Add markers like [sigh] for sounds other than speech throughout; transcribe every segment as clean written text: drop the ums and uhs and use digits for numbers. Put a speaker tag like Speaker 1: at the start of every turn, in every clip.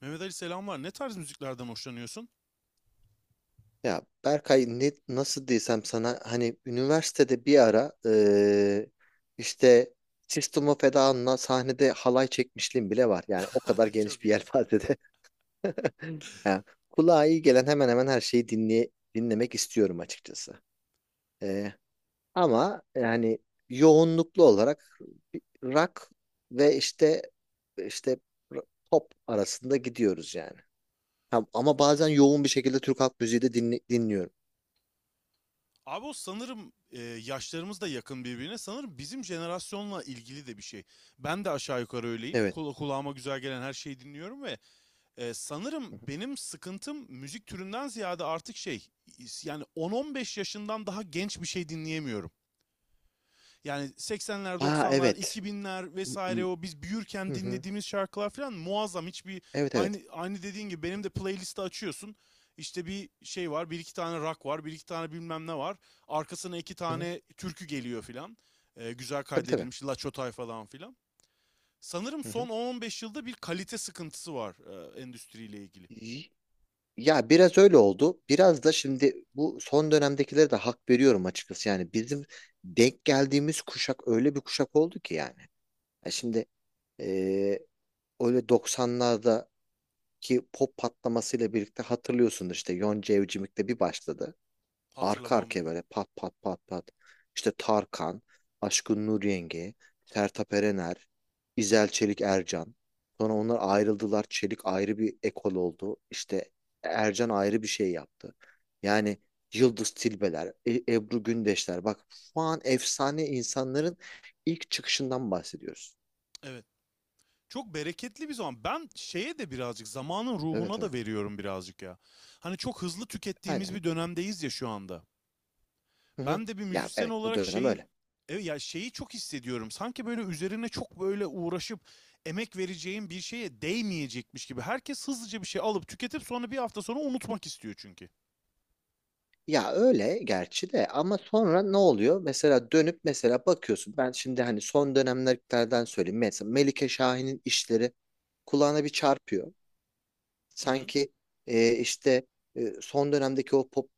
Speaker 1: Mehmet Ali selam var. Ne tarz müziklerden hoşlanıyorsun?
Speaker 2: Ya Berkay ne, nasıl desem sana hani üniversitede bir ara işte System of a Down'la sahnede halay çekmişliğim bile var. Yani o kadar
Speaker 1: [laughs] Çok
Speaker 2: geniş bir
Speaker 1: iyi.
Speaker 2: yelpazede. [laughs] Yani kulağa iyi gelen hemen hemen her şeyi dinlemek istiyorum açıkçası. Eee, Ama yani yoğunluklu olarak rock ve işte pop arasında gidiyoruz yani. Ha, ama bazen yoğun bir şekilde Türk halk müziği de dinliyorum.
Speaker 1: Abi o sanırım yaşlarımız da yakın birbirine. Sanırım bizim jenerasyonla ilgili de bir şey. Ben de aşağı yukarı öyleyim.
Speaker 2: Evet.
Speaker 1: Kulağıma güzel gelen her şeyi dinliyorum ve
Speaker 2: Hı
Speaker 1: sanırım
Speaker 2: hı.
Speaker 1: benim sıkıntım müzik türünden ziyade artık şey, yani 10-15 yaşından daha genç bir şey dinleyemiyorum. Yani 80'ler,
Speaker 2: Aa,
Speaker 1: 90'lar,
Speaker 2: evet.
Speaker 1: 2000'ler
Speaker 2: Hı
Speaker 1: vesaire,
Speaker 2: hı.
Speaker 1: o biz büyürken
Speaker 2: Hı hı.
Speaker 1: dinlediğimiz şarkılar falan muazzam.
Speaker 2: Evet,
Speaker 1: Aynı
Speaker 2: evet.
Speaker 1: aynı dediğin gibi, benim de playlisti açıyorsun. İşte bir şey var, bir iki tane rock var, bir iki tane bilmem ne var. Arkasına iki
Speaker 2: Hı hı.
Speaker 1: tane türkü geliyor filan. Güzel
Speaker 2: Tabii, tabii.
Speaker 1: kaydedilmiş La Çotay falan filan. Sanırım
Speaker 2: Hı hı.
Speaker 1: son 10-15 yılda bir kalite sıkıntısı var, endüstriyle ilgili.
Speaker 2: Y- Ya biraz öyle oldu. Biraz da şimdi bu son dönemdekilere de hak veriyorum açıkçası. Yani bizim denk geldiğimiz kuşak öyle bir kuşak oldu ki yani. Ya şimdi eee, öyle 90'lardaki pop patlamasıyla birlikte hatırlıyorsunuz işte Yonca Evcimik'te bir başladı. Arka
Speaker 1: Hatırlamam mı
Speaker 2: arkaya
Speaker 1: ya?
Speaker 2: böyle pat pat pat pat. İşte Tarkan, Aşkın Nur Yenge, Sertab Erener, İzel Çelik Ercan. Sonra onlar ayrıldılar. Çelik ayrı bir ekol oldu. İşte Ercan ayrı bir şey yaptı. Yani Yıldız Tilbeler, Ebru Gündeşler. Bak şu an efsane insanların ilk çıkışından bahsediyoruz.
Speaker 1: Evet. Çok bereketli bir zaman. Ben şeye de birazcık, zamanın
Speaker 2: Evet,
Speaker 1: ruhuna
Speaker 2: evet.
Speaker 1: da veriyorum birazcık ya. Hani çok hızlı
Speaker 2: Aynen.
Speaker 1: tükettiğimiz bir dönemdeyiz ya şu anda.
Speaker 2: Hı hı.
Speaker 1: Ben de bir
Speaker 2: Ya
Speaker 1: müzisyen
Speaker 2: evet, bu
Speaker 1: olarak
Speaker 2: dönem öyle.
Speaker 1: evet ya, şeyi çok hissediyorum. Sanki böyle üzerine çok böyle uğraşıp emek vereceğim bir şeye değmeyecekmiş gibi. Herkes hızlıca bir şey alıp tüketip sonra bir hafta sonra unutmak istiyor çünkü.
Speaker 2: Ya öyle gerçi de ama sonra ne oluyor? Mesela dönüp mesela bakıyorsun. Ben şimdi hani son dönemlerden söyleyeyim. Mesela Melike Şahin'in işleri kulağına bir çarpıyor.
Speaker 1: Hı hı.
Speaker 2: Sanki işte son dönemdeki o pop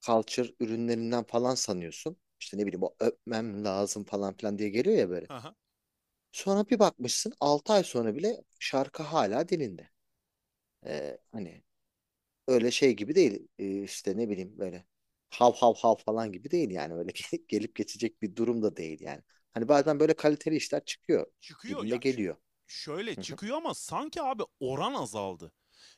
Speaker 2: culture ürünlerinden falan sanıyorsun. İşte ne bileyim o öpmem lazım falan filan diye geliyor ya böyle. Sonra bir bakmışsın 6 ay sonra bile şarkı hala dilinde. Hani öyle şey gibi değil. İşte ne bileyim böyle hav hav hav falan gibi değil yani. Öyle [laughs] gelip gelip geçecek bir durum da değil yani. Hani bazen böyle kaliteli işler çıkıyor
Speaker 1: Çıkıyor
Speaker 2: gibime
Speaker 1: ya, ş-
Speaker 2: geliyor.
Speaker 1: şöyle
Speaker 2: Hı hı.
Speaker 1: çıkıyor ama sanki abi oran azaldı.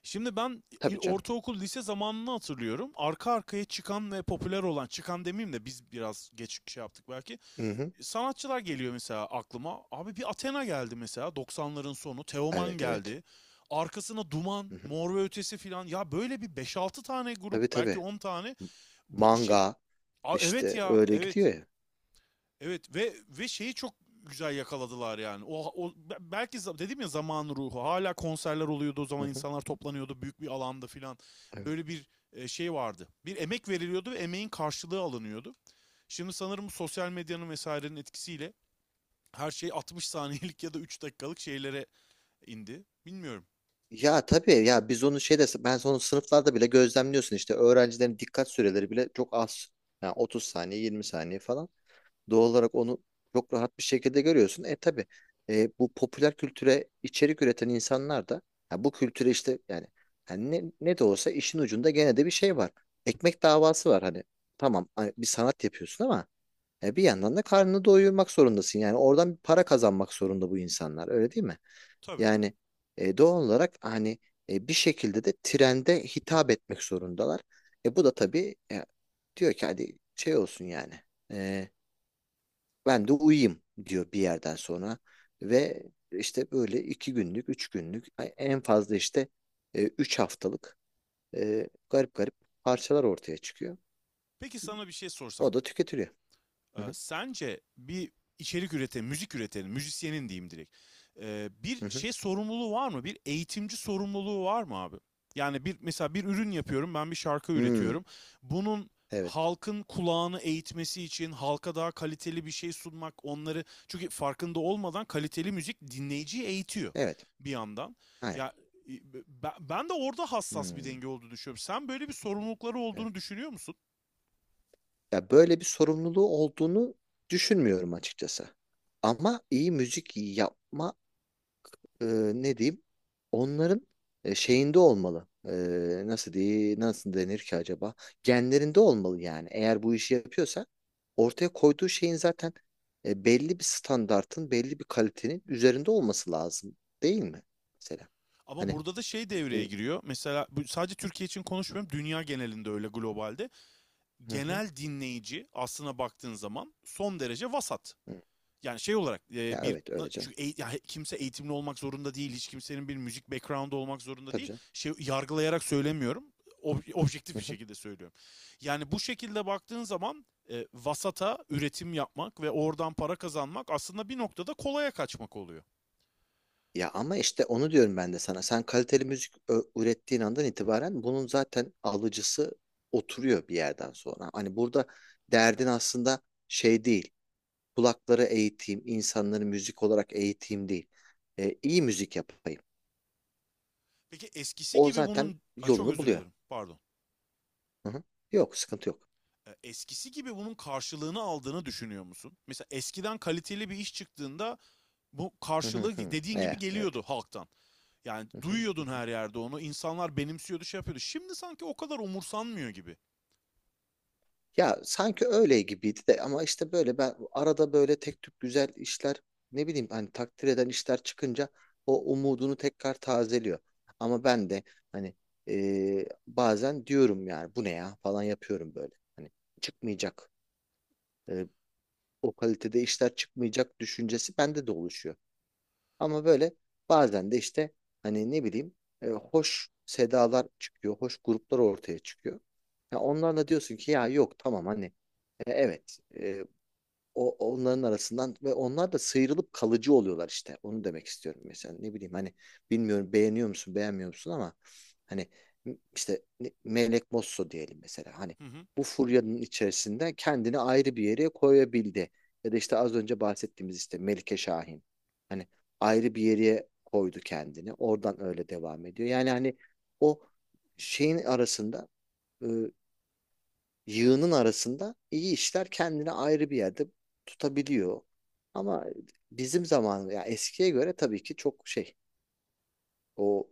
Speaker 1: Şimdi ben,
Speaker 2: Tabii canım.
Speaker 1: ortaokul lise zamanını hatırlıyorum. Arka arkaya çıkan ve popüler olan, çıkan demeyeyim de biz biraz geç şey yaptık belki.
Speaker 2: Hı hı.
Speaker 1: Sanatçılar geliyor mesela aklıma. Abi bir Athena geldi mesela, 90'ların sonu. Teoman
Speaker 2: Evet, evet.
Speaker 1: geldi. Arkasına Duman,
Speaker 2: Hı hı.
Speaker 1: Mor ve Ötesi filan. Ya böyle bir beş altı tane
Speaker 2: Tabii,
Speaker 1: grup, belki
Speaker 2: tabii.
Speaker 1: 10 tane
Speaker 2: M-
Speaker 1: bu şey.
Speaker 2: Manga
Speaker 1: Aa, evet
Speaker 2: işte
Speaker 1: ya,
Speaker 2: öyle
Speaker 1: evet.
Speaker 2: gidiyor ya.
Speaker 1: Evet, ve şeyi çok güzel yakaladılar yani. O belki, dedim ya, zaman ruhu. Hala konserler oluyordu o
Speaker 2: Hı
Speaker 1: zaman,
Speaker 2: hı.
Speaker 1: insanlar toplanıyordu büyük bir alanda filan.
Speaker 2: Evet.
Speaker 1: Böyle bir şey vardı. Bir emek veriliyordu ve emeğin karşılığı alınıyordu. Şimdi sanırım sosyal medyanın vesairenin etkisiyle her şey 60 saniyelik ya da 3 dakikalık şeylere indi. Bilmiyorum.
Speaker 2: Ya tabii ya biz onu şeyde ben onu sınıflarda bile gözlemliyorsun işte öğrencilerin dikkat süreleri bile çok az. Yani 30 saniye 20 saniye falan. Doğal olarak onu çok rahat bir şekilde görüyorsun. E tabii bu popüler kültüre içerik üreten insanlar da ya bu kültüre işte yani ne de olsa işin ucunda gene de bir şey var. Ekmek davası var hani. Tamam hani bir sanat yapıyorsun ama bir yandan da karnını doyurmak zorundasın. Yani oradan bir para kazanmak zorunda bu insanlar, öyle değil mi?
Speaker 1: Tabii.
Speaker 2: Yani doğal olarak hani bir şekilde de trende hitap etmek zorundalar. E bu da tabii, diyor ki hadi şey olsun yani. E, Ben de uyuyayım diyor bir yerden sonra ve işte böyle 2 günlük, 3 günlük en fazla işte 3 haftalık garip garip parçalar ortaya çıkıyor.
Speaker 1: Peki sana bir şey sorsam.
Speaker 2: O da tüketiliyor. Hı hı,
Speaker 1: Sence bir içerik üreten, müzik üretenin, müzisyenin diyeyim direkt. Bir
Speaker 2: hı hı.
Speaker 1: şey sorumluluğu var mı? Bir eğitimci sorumluluğu var mı abi? Yani bir, mesela bir ürün yapıyorum, ben bir şarkı
Speaker 2: Hmm,
Speaker 1: üretiyorum. Bunun
Speaker 2: evet,
Speaker 1: halkın kulağını eğitmesi için halka daha kaliteli bir şey sunmak, onları, çünkü farkında olmadan kaliteli müzik dinleyiciyi eğitiyor
Speaker 2: evet,
Speaker 1: bir yandan.
Speaker 2: aynen.
Speaker 1: Ya e, ben de orada hassas bir
Speaker 2: Hmm,
Speaker 1: denge olduğunu düşünüyorum. Sen böyle bir sorumlulukları
Speaker 2: evet.
Speaker 1: olduğunu düşünüyor musun?
Speaker 2: Ya böyle bir sorumluluğu olduğunu düşünmüyorum açıkçası. Ama iyi müzik yapma e, ne diyeyim? Onların şeyinde olmalı. Nasıl diye nasıl denir ki acaba? Genlerinde olmalı yani. Eğer bu işi yapıyorsa ortaya koyduğu şeyin zaten belli bir standartın, belli bir kalitenin üzerinde olması lazım, değil mi? Mesela.
Speaker 1: Ama
Speaker 2: Hani
Speaker 1: burada da şey
Speaker 2: e,
Speaker 1: devreye giriyor. Mesela sadece Türkiye için konuşmuyorum. Dünya genelinde, öyle globalde.
Speaker 2: hı hı,
Speaker 1: Genel dinleyici, aslına baktığın zaman son derece vasat.
Speaker 2: hı.
Speaker 1: Yani şey olarak
Speaker 2: Ya
Speaker 1: bir,
Speaker 2: evet, öyle canım.
Speaker 1: ya kimse eğitimli olmak zorunda değil. Hiç kimsenin bir müzik background'u olmak zorunda
Speaker 2: Tabii
Speaker 1: değil.
Speaker 2: canım.
Speaker 1: Şey, yargılayarak söylemiyorum. Objektif
Speaker 2: Hı
Speaker 1: bir
Speaker 2: hı.
Speaker 1: şekilde söylüyorum. Yani bu şekilde baktığın zaman vasata üretim yapmak ve oradan para kazanmak aslında bir noktada kolaya kaçmak oluyor.
Speaker 2: Ya ama işte onu diyorum ben de sana. Sen kaliteli müzik ürettiğin andan itibaren bunun zaten alıcısı oturuyor bir yerden sonra. Hani burada derdin aslında şey değil. Kulakları eğiteyim, insanları müzik olarak eğiteyim değil. İyi müzik yapayım.
Speaker 1: Peki eskisi
Speaker 2: O
Speaker 1: gibi
Speaker 2: zaten
Speaker 1: bunun, Ay, çok
Speaker 2: yolunu
Speaker 1: özür
Speaker 2: buluyor.
Speaker 1: dilerim, pardon.
Speaker 2: Hı hı. Yok, sıkıntı yok.
Speaker 1: Eskisi gibi bunun karşılığını aldığını düşünüyor musun? Mesela eskiden kaliteli bir iş çıktığında bu
Speaker 2: Hı hı
Speaker 1: karşılığı
Speaker 2: hı.
Speaker 1: dediğin gibi
Speaker 2: Evet.
Speaker 1: geliyordu halktan. Yani
Speaker 2: Hı hı hı.
Speaker 1: duyuyordun
Speaker 2: Hı.
Speaker 1: her yerde onu. İnsanlar benimsiyordu, şey yapıyordu. Şimdi sanki o kadar umursanmıyor gibi.
Speaker 2: Ya sanki öyle gibiydi de ama işte böyle ben arada böyle tek tük güzel işler ne bileyim hani takdir eden işler çıkınca o umudunu tekrar tazeliyor. Ama ben de hani bazen diyorum yani bu ne ya falan yapıyorum böyle. Hani çıkmayacak. e, O kalitede işler çıkmayacak düşüncesi bende de oluşuyor. Ama böyle bazen de işte hani ne bileyim hoş sedalar çıkıyor, hoş gruplar ortaya çıkıyor. Ya onlarla diyorsun ki ya yok tamam hani evet o onların arasından ve onlar da sıyrılıp kalıcı oluyorlar işte. Onu demek istiyorum mesela. Ne bileyim hani bilmiyorum beğeniyor musun, beğenmiyor musun ama hani işte Melek Mosso diyelim mesela. Hani
Speaker 1: Hı hı.
Speaker 2: bu furyanın içerisinde kendini ayrı bir yere koyabildi. Ya da işte az önce bahsettiğimiz işte Melike Şahin. Hani ayrı bir yere koydu kendini. Oradan öyle devam ediyor. Yani hani o şeyin arasında e, yığının arasında iyi işler kendini ayrı bir yerde tutabiliyor. Ama bizim zaman ya eskiye göre tabii ki çok şey o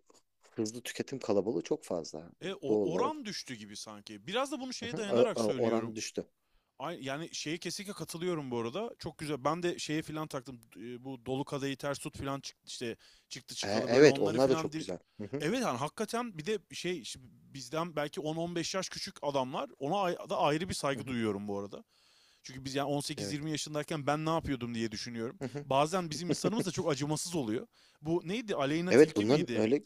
Speaker 2: hızlı tüketim kalabalığı çok fazla
Speaker 1: E
Speaker 2: doğal olarak.
Speaker 1: oran düştü gibi sanki. Biraz da bunu
Speaker 2: Hı
Speaker 1: şeye
Speaker 2: hı,
Speaker 1: dayanarak
Speaker 2: oran
Speaker 1: söylüyorum.
Speaker 2: düştü.
Speaker 1: Yani şeye kesinlikle katılıyorum bu arada. Çok güzel. Ben de şeye filan taktım. Bu dolu kadayı ters tut filan çıktı işte, çıktı çıkalı böyle
Speaker 2: Evet,
Speaker 1: onları
Speaker 2: onlar da
Speaker 1: filan
Speaker 2: çok güzel. Hı hı,
Speaker 1: Evet, hani hakikaten bir de şey, işte bizden belki 10-15 yaş küçük adamlar, ona da ayrı bir
Speaker 2: hı
Speaker 1: saygı
Speaker 2: hı,
Speaker 1: duyuyorum bu arada. Çünkü biz yani
Speaker 2: evet.
Speaker 1: 18-20 yaşındayken ben ne yapıyordum diye düşünüyorum.
Speaker 2: Hı hı.
Speaker 1: Bazen bizim insanımız da çok
Speaker 2: [laughs]
Speaker 1: acımasız oluyor. Bu neydi? Aleyna
Speaker 2: Evet,
Speaker 1: Tilki
Speaker 2: bunların
Speaker 1: miydi?
Speaker 2: öyle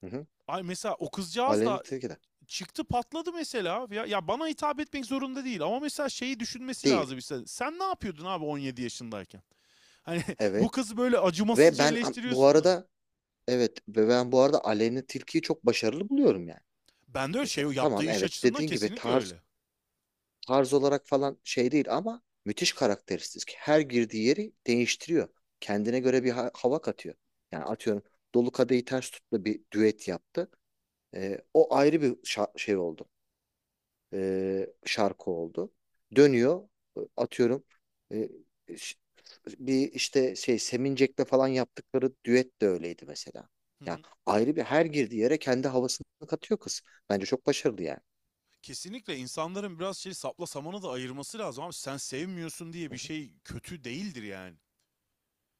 Speaker 2: hı hı,
Speaker 1: Ay mesela o kızcağız da
Speaker 2: Aleni Tilki de
Speaker 1: çıktı, patladı mesela. Ya, ya bana hitap etmek zorunda değil ama mesela şeyi düşünmesi
Speaker 2: değil.
Speaker 1: lazım işte. Sen ne yapıyordun abi 17 yaşındayken? Hani [laughs] bu
Speaker 2: Evet.
Speaker 1: kızı böyle acımasızca
Speaker 2: Bu
Speaker 1: eleştiriyorsun da.
Speaker 2: arada evet ve ben bu arada Aleni Tilkiyi çok başarılı buluyorum yani.
Speaker 1: Ben de öyle, şey,
Speaker 2: Mesela
Speaker 1: yaptığı
Speaker 2: tamam
Speaker 1: iş
Speaker 2: evet
Speaker 1: açısından
Speaker 2: dediğin gibi
Speaker 1: kesinlikle öyle.
Speaker 2: tarz olarak falan şey değil ama müthiş karakteristik. Her girdiği yeri değiştiriyor. Kendine göre bir hava katıyor. Yani atıyorum Dolu Kadehi Ters Tut'la bir düet yaptı. O ayrı bir şey oldu. Şarkı oldu. Dönüyor atıyorum e, ş- bir işte şey Semincek'le falan yaptıkları düet de öyleydi mesela.
Speaker 1: Hı
Speaker 2: Yani
Speaker 1: hı.
Speaker 2: ayrı bir her girdiği yere kendi havasını katıyor kız. Bence çok başarılı yani.
Speaker 1: Kesinlikle insanların biraz şey, sapla samanı da ayırması lazım abi. Sen sevmiyorsun diye
Speaker 2: Hı
Speaker 1: bir
Speaker 2: hı.
Speaker 1: şey kötü değildir yani.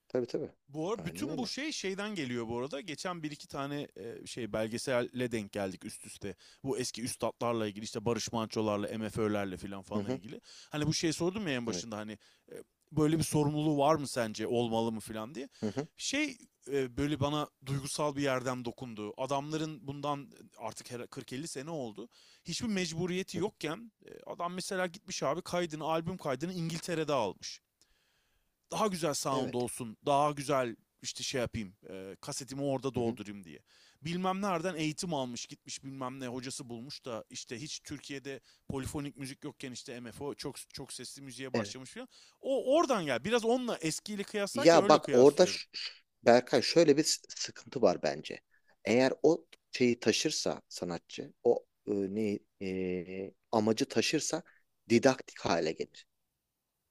Speaker 2: Tabii, tabii.
Speaker 1: Bu arada
Speaker 2: Aynen
Speaker 1: bütün bu
Speaker 2: öyle.
Speaker 1: şey şeyden geliyor bu arada. Geçen bir iki tane şey, belgeselle denk geldik üst üste. Bu eski üstatlarla ilgili, işte Barış Manço'larla, MFÖ'lerle filan
Speaker 2: Hı
Speaker 1: falan falan
Speaker 2: hı.
Speaker 1: ilgili. Hani bu şey sordum ya en
Speaker 2: Evet.
Speaker 1: başında, hani e, böyle bir sorumluluğu var mı, sence olmalı mı filan diye.
Speaker 2: Hı hı,
Speaker 1: Şey, böyle bana duygusal bir yerden dokundu. Adamların bundan, artık 40-50 sene oldu. Hiçbir mecburiyeti
Speaker 2: hı hı.
Speaker 1: yokken adam mesela gitmiş abi kaydını, albüm kaydını İngiltere'de almış, daha güzel sound
Speaker 2: Evet.
Speaker 1: olsun, daha güzel işte şey yapayım, kasetimi orada
Speaker 2: Hı hı,
Speaker 1: doldurayım diye. Bilmem nereden eğitim almış, gitmiş bilmem ne hocası bulmuş da işte hiç Türkiye'de polifonik müzik yokken işte MFO çok çok sesli müziğe
Speaker 2: evet.
Speaker 1: başlamış falan. O oradan gel. Biraz onunla, eskiyle kıyaslarken
Speaker 2: Ya
Speaker 1: öyle
Speaker 2: bak orada
Speaker 1: kıyaslıyorum.
Speaker 2: Berkay şöyle bir sıkıntı var bence. Eğer o şeyi taşırsa sanatçı, o ne amacı taşırsa didaktik hale gelir.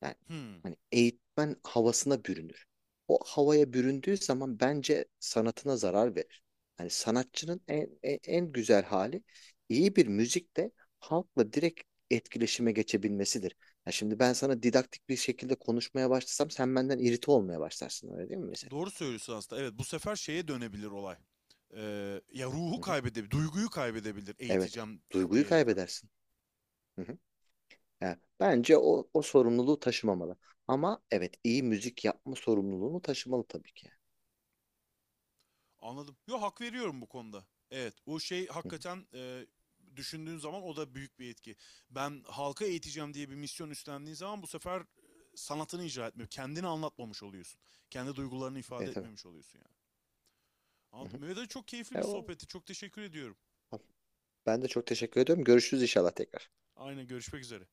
Speaker 2: Yani
Speaker 1: Hmm,
Speaker 2: hani eğitmen havasına bürünür. O havaya büründüğü zaman bence sanatına zarar verir. Hani sanatçının en güzel hali iyi bir müzikte halkla direkt etkileşime geçebilmesidir. Ya şimdi ben sana didaktik bir şekilde konuşmaya başlasam sen benden irite olmaya başlarsın öyle değil mi mesela?
Speaker 1: doğru söylüyorsun aslında. Evet, bu sefer şeye dönebilir olay. Ya ruhu
Speaker 2: Hı hı.
Speaker 1: kaybedebilir, duyguyu kaybedebilir,
Speaker 2: Evet.
Speaker 1: eğiteceğim
Speaker 2: Duyguyu
Speaker 1: diyerekten.
Speaker 2: kaybedersin. Hı hı. Yani bence o sorumluluğu taşımamalı. Ama evet iyi müzik yapma sorumluluğunu taşımalı tabii ki.
Speaker 1: Anladım. Yo, hak veriyorum bu konuda. Evet, o şey
Speaker 2: Hı hı.
Speaker 1: hakikaten, düşündüğün zaman o da büyük bir etki. Ben halka eğiteceğim diye bir misyon üstlendiğin zaman bu sefer sanatını icra etmiyor. Kendini anlatmamış oluyorsun. Kendi duygularını
Speaker 2: E
Speaker 1: ifade
Speaker 2: tabii.
Speaker 1: etmemiş oluyorsun yani.
Speaker 2: Hı
Speaker 1: Anladım.
Speaker 2: hı.
Speaker 1: Mehmet Ali, çok keyifli
Speaker 2: E,
Speaker 1: bir
Speaker 2: o,
Speaker 1: sohbetti. Çok teşekkür ediyorum.
Speaker 2: Tamam. Ben de çok teşekkür ediyorum. Görüşürüz inşallah tekrar.
Speaker 1: Aynen, görüşmek üzere.